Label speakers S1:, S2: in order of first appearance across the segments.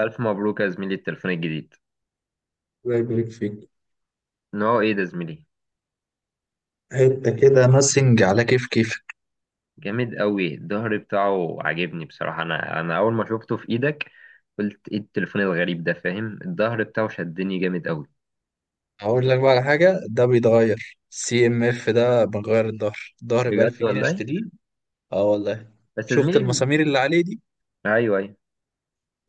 S1: ألف مبروك يا زميلي التليفون الجديد.
S2: الله يبارك فيك.
S1: نوعه إيه ده يا زميلي؟
S2: حته كده ناسنج، على كيف كيف.
S1: جامد قوي، الظهر بتاعه عاجبني بصراحة. أنا أول ما شفته في إيدك قلت إيه التليفون الغريب ده، فاهم؟ الظهر بتاعه شدني جامد قوي.
S2: هقول لك بقى على حاجه، ده بيتغير سي ام اف. ده بغير الظهر ب
S1: بجد
S2: 1000 جنيه
S1: والله.
S2: اشتريه. اه والله.
S1: بس يا
S2: شفت
S1: زميلي
S2: المسامير اللي عليه دي؟
S1: أيوه أيوه.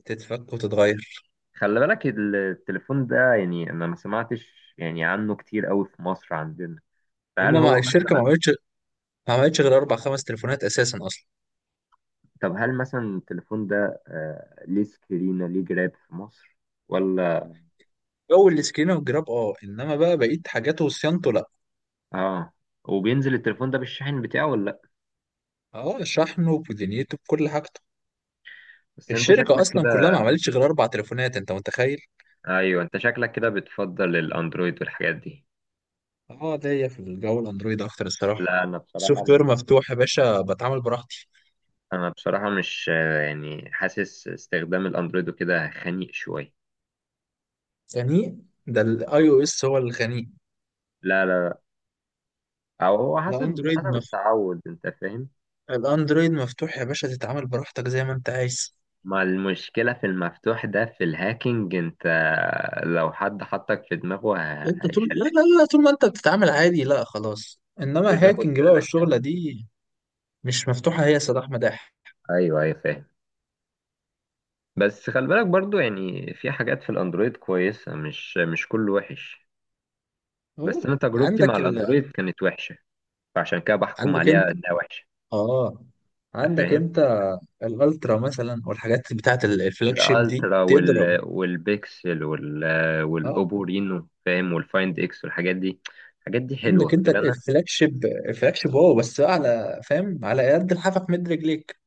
S2: تتفك وتتغير.
S1: خلي بالك التليفون ده يعني أنا ما سمعتش يعني عنه كتير قوي في مصر عندنا، فهل
S2: هما مع
S1: هو
S2: الشركه ما
S1: مثلا؟
S2: عملتش ما عملتش غير اربع خمس تليفونات اساسا اصلا.
S1: طب هل مثلا التليفون ده ليه سكرينة، ليه جراب في مصر ولا؟
S2: جو السكرين والجراب اه، انما بقى بقيت حاجاته وصيانته لا.
S1: آه. وبينزل التليفون ده بالشاحن بتاعه ولا لأ؟
S2: اه شحنه بدنيته بكل حاجته.
S1: بس انت
S2: الشركه
S1: شكلك
S2: اصلا
S1: كده.
S2: كلها ما عملتش غير اربع تليفونات، انت متخيل؟
S1: ايوه انت شكلك كده بتفضل الاندرويد والحاجات دي.
S2: اه ليا في الجو الاندرويد اكتر الصراحه.
S1: لا انا بصراحه
S2: السوفت وير مفتوح يا باشا، بتعامل براحتي.
S1: انا بصراحه مش يعني حاسس استخدام الاندرويد وكده خنيق شويه.
S2: يعني ده الاي او اس هو الغني؟
S1: لا لا لا. او هو حسب
S2: الاندرويد مف...
S1: التعود، انت فاهم.
S2: الاندرويد مفتوح يا باشا، تتعامل براحتك زي ما انت عايز.
S1: ما المشكله في المفتوح ده في الهاكينج، انت لو حد حطك في دماغه
S2: انت طول، لا
S1: هيشلك.
S2: لا لا، طول ما انت بتتعامل عادي لا خلاص، انما
S1: لازم تاخد
S2: هاكينج بقى
S1: بالك، ها؟
S2: والشغله دي مش مفتوحه هي يا صلاح مداح.
S1: ايوه ايوه، فاهم. بس خلي بالك برضو، يعني في حاجات في الاندرويد كويسه، مش كله وحش. بس
S2: أوه.
S1: انا تجربتي مع الاندرويد كانت وحشه، فعشان كده بحكم
S2: عندك انت
S1: عليها انها وحشه.
S2: اه
S1: انت
S2: عندك
S1: فاهم.
S2: انت الالترا مثلا والحاجات بتاعت الفلاج شيب دي
S1: الالترا
S2: تضرب.
S1: والبيكسل
S2: اه
S1: والاوبو رينو، فاهم، والفايند اكس والحاجات دي. الحاجات دي
S2: عندك
S1: حلوه
S2: انت
S1: غير انا.
S2: الفلاج شيب، الفلاج شيب واو، بس بقى على فاهم، على قد الحافك مد رجليك.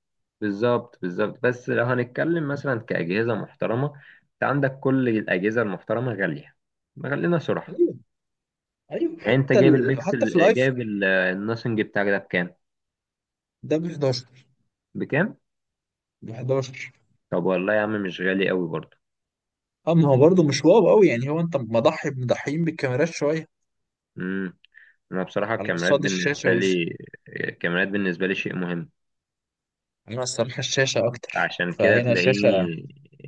S1: بالظبط بالظبط، بس لو هنتكلم مثلا كاجهزه محترمه، انت عندك كل الاجهزه المحترمه غاليه، غالينا صراحه.
S2: ايوه ايوه.
S1: يعني انت جايب
S2: حتى في
S1: البيكسل،
S2: الايفون.
S1: جايب الناثينج بتاعك ده بكام؟
S2: ده ب 11.
S1: بكام؟
S2: ب 11.
S1: طب والله يا عم مش غالي قوي برضه.
S2: اما هو برضه مش واو قوي يعني. هو انت مضحي مضحيين بالكاميرات شويه
S1: امم. انا بصراحه
S2: على
S1: الكاميرات
S2: قصاد الشاشه
S1: بالنسبه
S2: وش.
S1: لي، الكاميرات بالنسبه لي شيء مهم،
S2: انا الصراحه الشاشه اكتر،
S1: عشان كده
S2: فهنا الشاشه.
S1: تلاقيني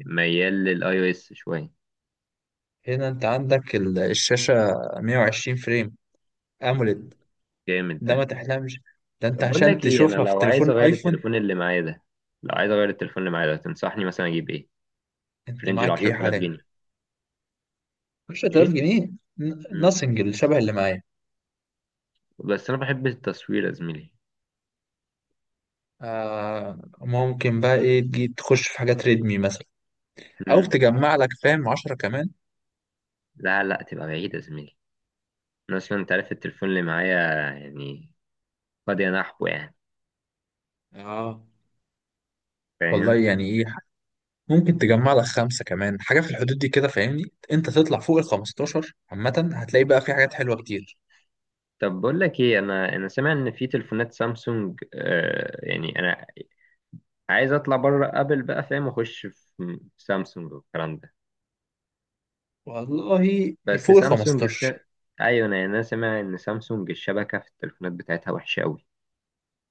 S1: ميال للاي او اس شويه.
S2: هنا انت الشاشه 120 فريم اموليد،
S1: جامد
S2: ده ما
S1: ده.
S2: تحلمش. ده انت
S1: طب بقول
S2: عشان
S1: لك ايه، انا
S2: تشوفها في
S1: لو عايز
S2: تليفون
S1: اغير
S2: ايفون.
S1: التليفون اللي معايا ده، لو عايز اغير التليفون اللي معايا ده، تنصحني مثلا اجيب ايه؟ في
S2: انت
S1: رينج ال
S2: معاك ايه
S1: 10000
S2: حاليا؟
S1: جنيه
S2: 10000
S1: ايه.
S2: جنيه
S1: امم.
S2: ناثينج الشبه اللي معايا.
S1: بس انا بحب التصوير يا زميلي.
S2: آه ممكن بقى ايه، تجي تخش في حاجات ريدمي مثلا، او
S1: امم.
S2: تجمع لك فاهم عشرة كمان.
S1: لا لا تبقى بعيد يا زميلي. انا اصلا انت عارف التليفون اللي معايا، يعني قد ينحو يعني،
S2: اه والله
S1: فاهم.
S2: يعني ايه، ممكن تجمع لك خمسة كمان حاجة في الحدود دي كده فاهمني. انت تطلع فوق ال 15 عامة هتلاقي بقى في حاجات حلوة كتير.
S1: طب بقول لك ايه، انا سامع ان في تليفونات سامسونج، يعني انا عايز اطلع بره ابل بقى، فاهم، واخش في سامسونج والكلام ده.
S2: والله
S1: بس
S2: فوق ال
S1: سامسونج
S2: 15
S1: ايوه انا سامع ان سامسونج الشبكه في التليفونات بتاعتها وحشه قوي،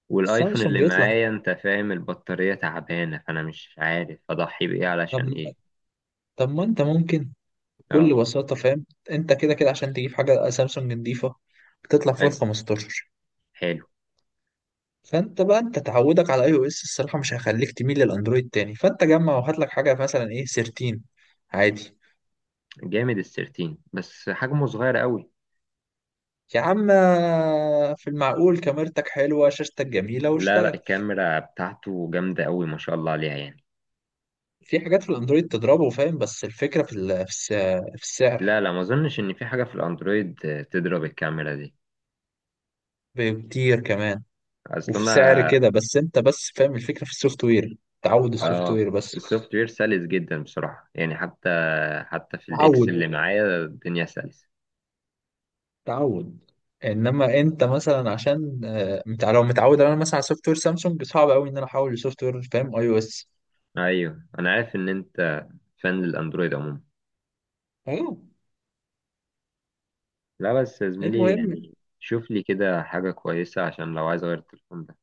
S1: والايفون
S2: سامسونج
S1: اللي
S2: يطلع.
S1: معايا انت فاهم البطاريه تعبانه، فانا مش عارف اضحي بايه
S2: طب
S1: علشان ايه.
S2: طب ما انت ممكن بكل
S1: اه.
S2: بساطة، فاهم، انت كده كده عشان تجيب حاجة سامسونج نضيفة بتطلع فوق
S1: حلو.
S2: ال 15.
S1: حلو.
S2: فانت بقى انت تعودك على اي او اس الصراحه مش هيخليك تميل للاندرويد تاني، فانت جمع وهات لك حاجه مثلا ايه سيرتين عادي.
S1: جامد السيرتين بس حجمه صغير قوي.
S2: يا عم في المعقول، كاميرتك حلوه، شاشتك جميله
S1: لا لا،
S2: واشتغل.
S1: الكاميرا بتاعته جامده قوي ما شاء الله عليها يعني.
S2: في حاجات في الاندرويد تضربه فاهم، بس الفكره في السعر
S1: لا لا، ما اظنش ان في حاجه في الاندرويد تضرب الكاميرا دي
S2: بكتير كمان. وفي
S1: اصلا.
S2: سعر كده، بس انت بس فاهم الفكره في السوفت وير. تعود السوفت
S1: اه.
S2: وير بس.
S1: السوفت وير سلس جدا بصراحة، يعني حتى في الاكس اللي
S2: تعود
S1: معايا الدنيا سلسة.
S2: تعود انما انت مثلا عشان لو متعود انا مثلا على سوفت وير سامسونج، صعب قوي ان انا احول لسوفت وير فاهم اي او اس.
S1: ايوه انا عارف ان انت فان للاندرويد عموما.
S2: اه
S1: لا بس يا زميلي
S2: المهم.
S1: يعني شوف لي كده حاجة كويسة عشان لو عايز اغير التليفون ده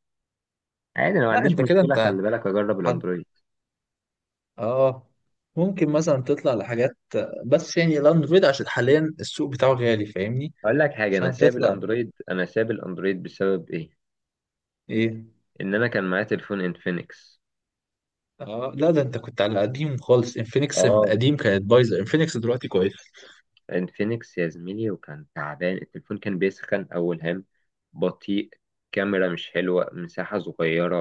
S1: عادي، انا ما
S2: لا
S1: عنديش
S2: انت كده
S1: مشكلة،
S2: انت
S1: خلي بالك اجرب
S2: حد،
S1: الاندرويد.
S2: اه، ممكن مثلا تطلع لحاجات، بس يعني لاند رويد عشان حاليا السوق بتاعه غالي فاهمني.
S1: اقول لك حاجة، انا
S2: عشان
S1: ساب
S2: تطلع
S1: الاندرويد انا ساب الاندرويد بسبب ايه؟
S2: ايه.
S1: ان انا كان معايا تليفون انفينكس.
S2: اه لا ده انت كنت على قديم خالص، انفينكس من
S1: اه.
S2: قديم كانت بايظه، انفينكس دلوقتي كويس.
S1: انفينكس يا زميلي، وكان تعبان التليفون، كان بيسخن أول هام، بطيء، كاميرا مش حلوة، مساحة صغيرة،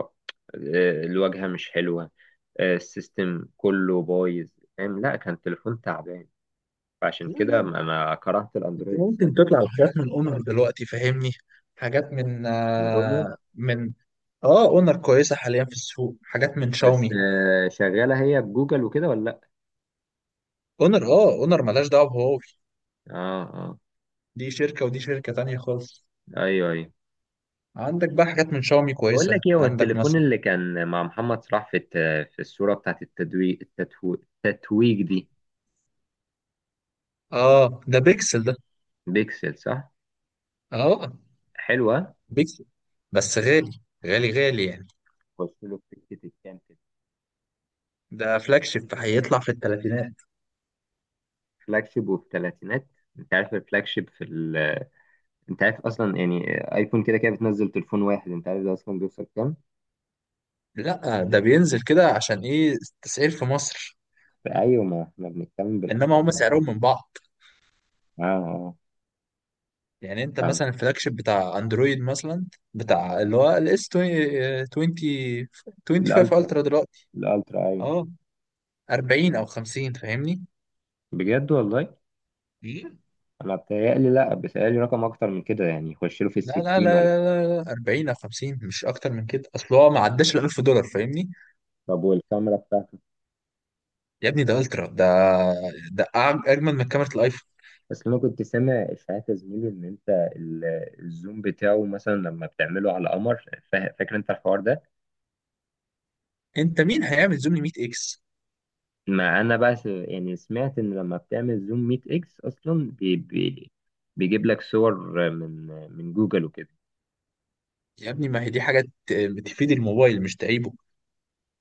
S1: الواجهة مش حلوة، السيستم كله بايظ، فاهم. لا كان تليفون تعبان، فعشان
S2: لا
S1: كده
S2: لا،
S1: ما كرهت
S2: انت
S1: الأندرويد بسبب
S2: ممكن تطلع لحاجات من اونر دلوقتي فاهمني. حاجات من
S1: الأونر.
S2: من، اه، اونر كويسه حاليا في السوق، حاجات من
S1: بس
S2: شاومي.
S1: شغالة هي بجوجل وكده ولا لأ؟
S2: اونر ملهاش دعوه بهواوي،
S1: اه اه.
S2: دي شركه ودي شركه تانيه خالص.
S1: ايوه ايوه.
S2: عندك بقى حاجات من شاومي
S1: بقول لك
S2: كويسة،
S1: ايه، هو
S2: عندك
S1: التليفون
S2: مثلا.
S1: اللي كان مع محمد صلاح في في الصورة بتاعت التتويج، التتويج دي؟
S2: اه ده بيكسل ده.
S1: بيكسل صح؟
S2: اه
S1: حلوة.
S2: بيكسل. بس غالي، غالي غالي يعني.
S1: بص له في سكه الكام كده.
S2: ده فلاج شيب، هيطلع في الثلاثينات.
S1: فلاج شيب وفي ثلاثينات. انت عارف الفلاج شيب انت عارف اصلا يعني، ايفون كده كده بتنزل تليفون واحد، انت عارف ده اصلا بيوصل كام؟
S2: لا ده بينزل كده عشان ايه؟ التسعير في مصر.
S1: ايوه، ما احنا بنتكلم
S2: انما
S1: بالاسعار.
S2: هم سعرهم من بعض
S1: اه اه،
S2: يعني. انت
S1: فاهم.
S2: مثلا الفلاج شيب بتاع اندرويد مثلا، بتاع اللي هو الاس 20، 25
S1: الالترا.
S2: الترا دلوقتي،
S1: الالترا ايوه.
S2: اه 40 او 50 فاهمني.
S1: بجد والله؟
S2: إيه؟
S1: انا بتهيألي، لا بتهيألي رقم اكتر من كده يعني، يخش له في
S2: لا لا لا
S1: الستين ولا؟
S2: لا لا، 40 او 50 مش اكتر من كده، اصل هو ما عداش ال 1000 دولار فاهمني.
S1: طب والكاميرا بتاعته؟
S2: يا ابني ده الترا ده. ده اجمل من كاميرا الايفون.
S1: بس انا كنت سامع اشاعات يا زميلي ان انت ال- الزوم بتاعه مثلا لما بتعمله على قمر، فاكر انت الحوار ده؟
S2: انت مين هيعمل زوم ل 100 اكس؟
S1: ما انا بقى يعني سمعت ان لما بتعمل زوم 100 اكس اصلا بي بي بيجيب لك صور من جوجل وكده.
S2: يا ابني ما هي دي حاجه ت- تفيد الموبايل مش تعيبه.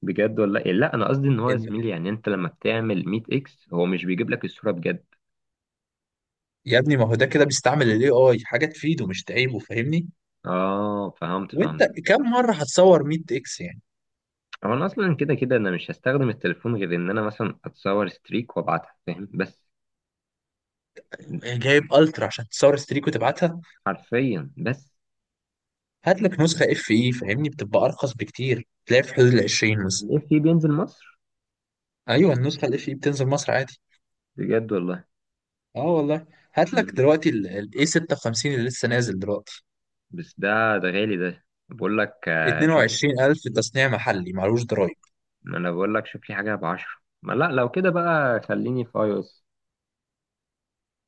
S1: بجد ولا إيه؟ لا انا قصدي ان هو يا
S2: ان
S1: زميلي يعني انت لما بتعمل 100 اكس هو مش بيجيب لك الصورة بجد.
S2: يا ابني ما هو ده كده بيستعمل الاي اي، حاجه تفيده مش تعيبه فاهمني.
S1: اه فهمت،
S2: وانت كم مره هتصور 100 اكس يعني؟
S1: هو انا اصلا كده كده انا مش هستخدم التليفون غير ان انا مثلا اتصور ستريك وابعتها، فاهم، بس.
S2: جايب الترا عشان تصور ستريك وتبعتها؟
S1: حرفيا بس.
S2: هات لك نسخه اف اي فاهمني، بتبقى ارخص بكتير، تلاقي في حدود ال 20 مثلا.
S1: الاف في بينزل مصر؟
S2: ايوه النسخه الاف اي بتنزل مصر عادي.
S1: بجد والله؟
S2: اه والله. هات لك
S1: مم.
S2: دلوقتي الاي 56 اللي لسه نازل دلوقتي
S1: بس ده، ده غالي. ده بقول لك شوف لي،
S2: 22000، تصنيع محلي معلوش ضرايب.
S1: ما انا بقول لك شوف لي حاجه بعشرة، ما لا لو كده بقى خليني في اي او اس.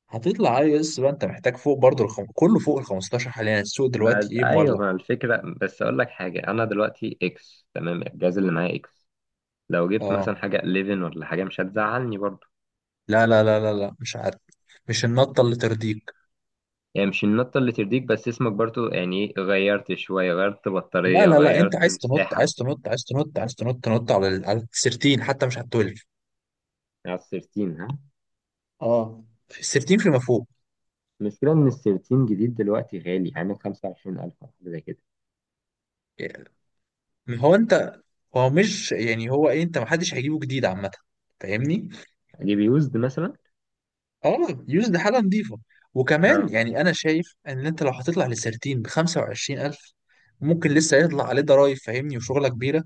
S2: هتطلع اي اس بقى، انت محتاج فوق برضه كله فوق ال 15 حاليا، السوق دلوقتي
S1: ما
S2: ايه
S1: ايوه،
S2: مولع.
S1: ما الفكره بس، اقول لك حاجه، انا دلوقتي اكس تمام، الجهاز اللي معايا اكس، لو جبت مثلا
S2: اه
S1: حاجه 11 ولا حاجه مش هتزعلني برضو
S2: لا لا لا لا لا، مش عارف، مش النطه اللي ترضيك.
S1: يعني. مش النطه اللي ترضيك، بس اسمك برضو يعني غيرت شويه، غيرت
S2: لا
S1: بطاريه،
S2: لا لا، انت
S1: غيرت
S2: عايز تنط،
S1: مساحه.
S2: عايز تنط، عايز تنط، عايز تنط، تنط على على السرتين حتى، مش على التولف.
S1: على ال 13، ها؟
S2: اه السرتين فيما فوق
S1: المشكله ان ال 13 جديد دلوقتي غالي، يعني 25000 او حاجه زي كده.
S2: يعني. هو انت هو مش يعني، هو ايه، انت محدش هيجيبه جديد عامه فاهمني.
S1: اجيب يوزد مثلا.
S2: اه يوز ده حاجه نظيفه. وكمان
S1: اه.
S2: يعني انا شايف ان انت لو هتطلع لسيرتين ب 25000، ممكن لسه يطلع عليه ضرايب فاهمني وشغله كبيره.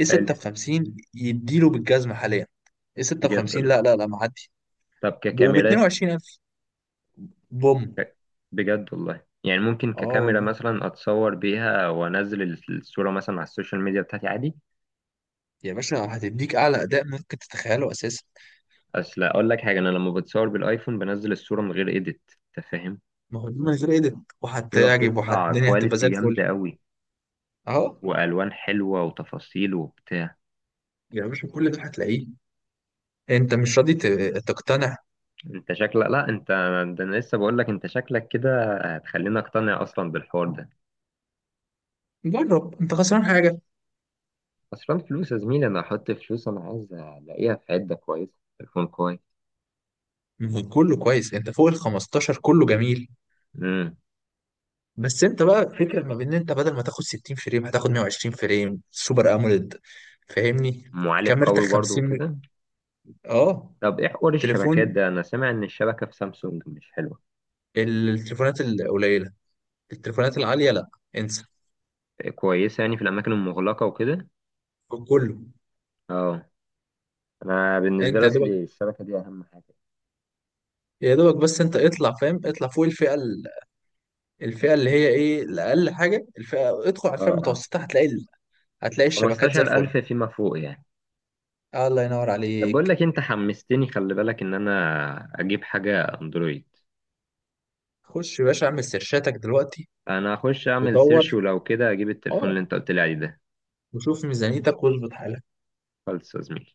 S2: ايه
S1: حلو.
S2: 6 ب 50 يديله بالجزمه حاليا. ايه 6 ب
S1: بجد
S2: 50
S1: ولا؟
S2: لا لا لا معدي،
S1: طب
S2: وب
S1: ككاميرات
S2: 22000 بوم.
S1: ك- بجد والله يعني ممكن
S2: اه
S1: ككاميرا
S2: والله
S1: مثلا اتصور بيها وانزل الصوره مثلا على السوشيال ميديا بتاعتي عادي؟
S2: يا باشا، هتديك اعلى اداء ممكن تتخيله اساسا.
S1: اصل اقول لك حاجه، انا لما بتصور بالايفون بنزل الصوره من غير ايديت، انت فاهم.
S2: ما هو دي من غير ايديت،
S1: الصوره
S2: وهتعجب
S1: بتطلع
S2: الدنيا هتبقى زي
S1: كواليتي
S2: الفل.
S1: جامده قوي،
S2: اهو.
S1: والوان حلوه وتفاصيل وبتاع.
S2: يا باشا كل ده هتلاقيه، انت مش راضي تقتنع.
S1: انت شكلك، لا انت، ده انا لسه بقول لك انت شكلك كده هتخليني اقتنع اصلا بالحوار ده.
S2: جرب، انت خسران حاجه؟
S1: اصلا فلوس يا زميلي، انا احط فلوس انا عايز الاقيها في عده كويسه، تليفون كويس.
S2: كله كويس، انت فوق ال 15 كله جميل.
S1: امم.
S2: بس انت بقى فكرة ما بين ان انت بدل ما تاخد 60 فريم هتاخد 120 فريم سوبر اموليد فاهمني.
S1: معالج
S2: كاميرتك
S1: قوي برضه
S2: 50.
S1: وكده.
S2: اه
S1: طب ايه حوار الشبكات
S2: التليفون،
S1: ده؟ انا سامع ان الشبكه في سامسونج مش حلوه.
S2: التليفونات القليلة، التليفونات العالية لا، انسى.
S1: كويسه يعني في الاماكن المغلقه وكده؟
S2: كله.
S1: اه. انا بالنسبه
S2: انت
S1: لي
S2: يا دوبك،
S1: اصلي الشبكه دي اهم حاجه.
S2: يا دوبك بس انت اطلع فاهم، اطلع فوق الفئة اللي هي ايه الاقل حاجة، الفئة، ادخل على الفئة
S1: اه اه.
S2: المتوسطة هتلاقي هتلاقي الشبكات زي الفل.
S1: 15000 فيما فوق يعني؟
S2: الله ينور
S1: طب بقول
S2: عليك.
S1: لك، انت حمستني، خلي بالك ان انا اجيب حاجه اندرويد.
S2: خش يا باشا اعمل سيرشاتك دلوقتي
S1: انا هخش اعمل
S2: ودور،
S1: سيرش، ولو كده اجيب التليفون
S2: اه،
S1: اللي انت قلت لي عليه ده.
S2: وشوف ميزانيتك واظبط حالك.
S1: خلص يا زميلي.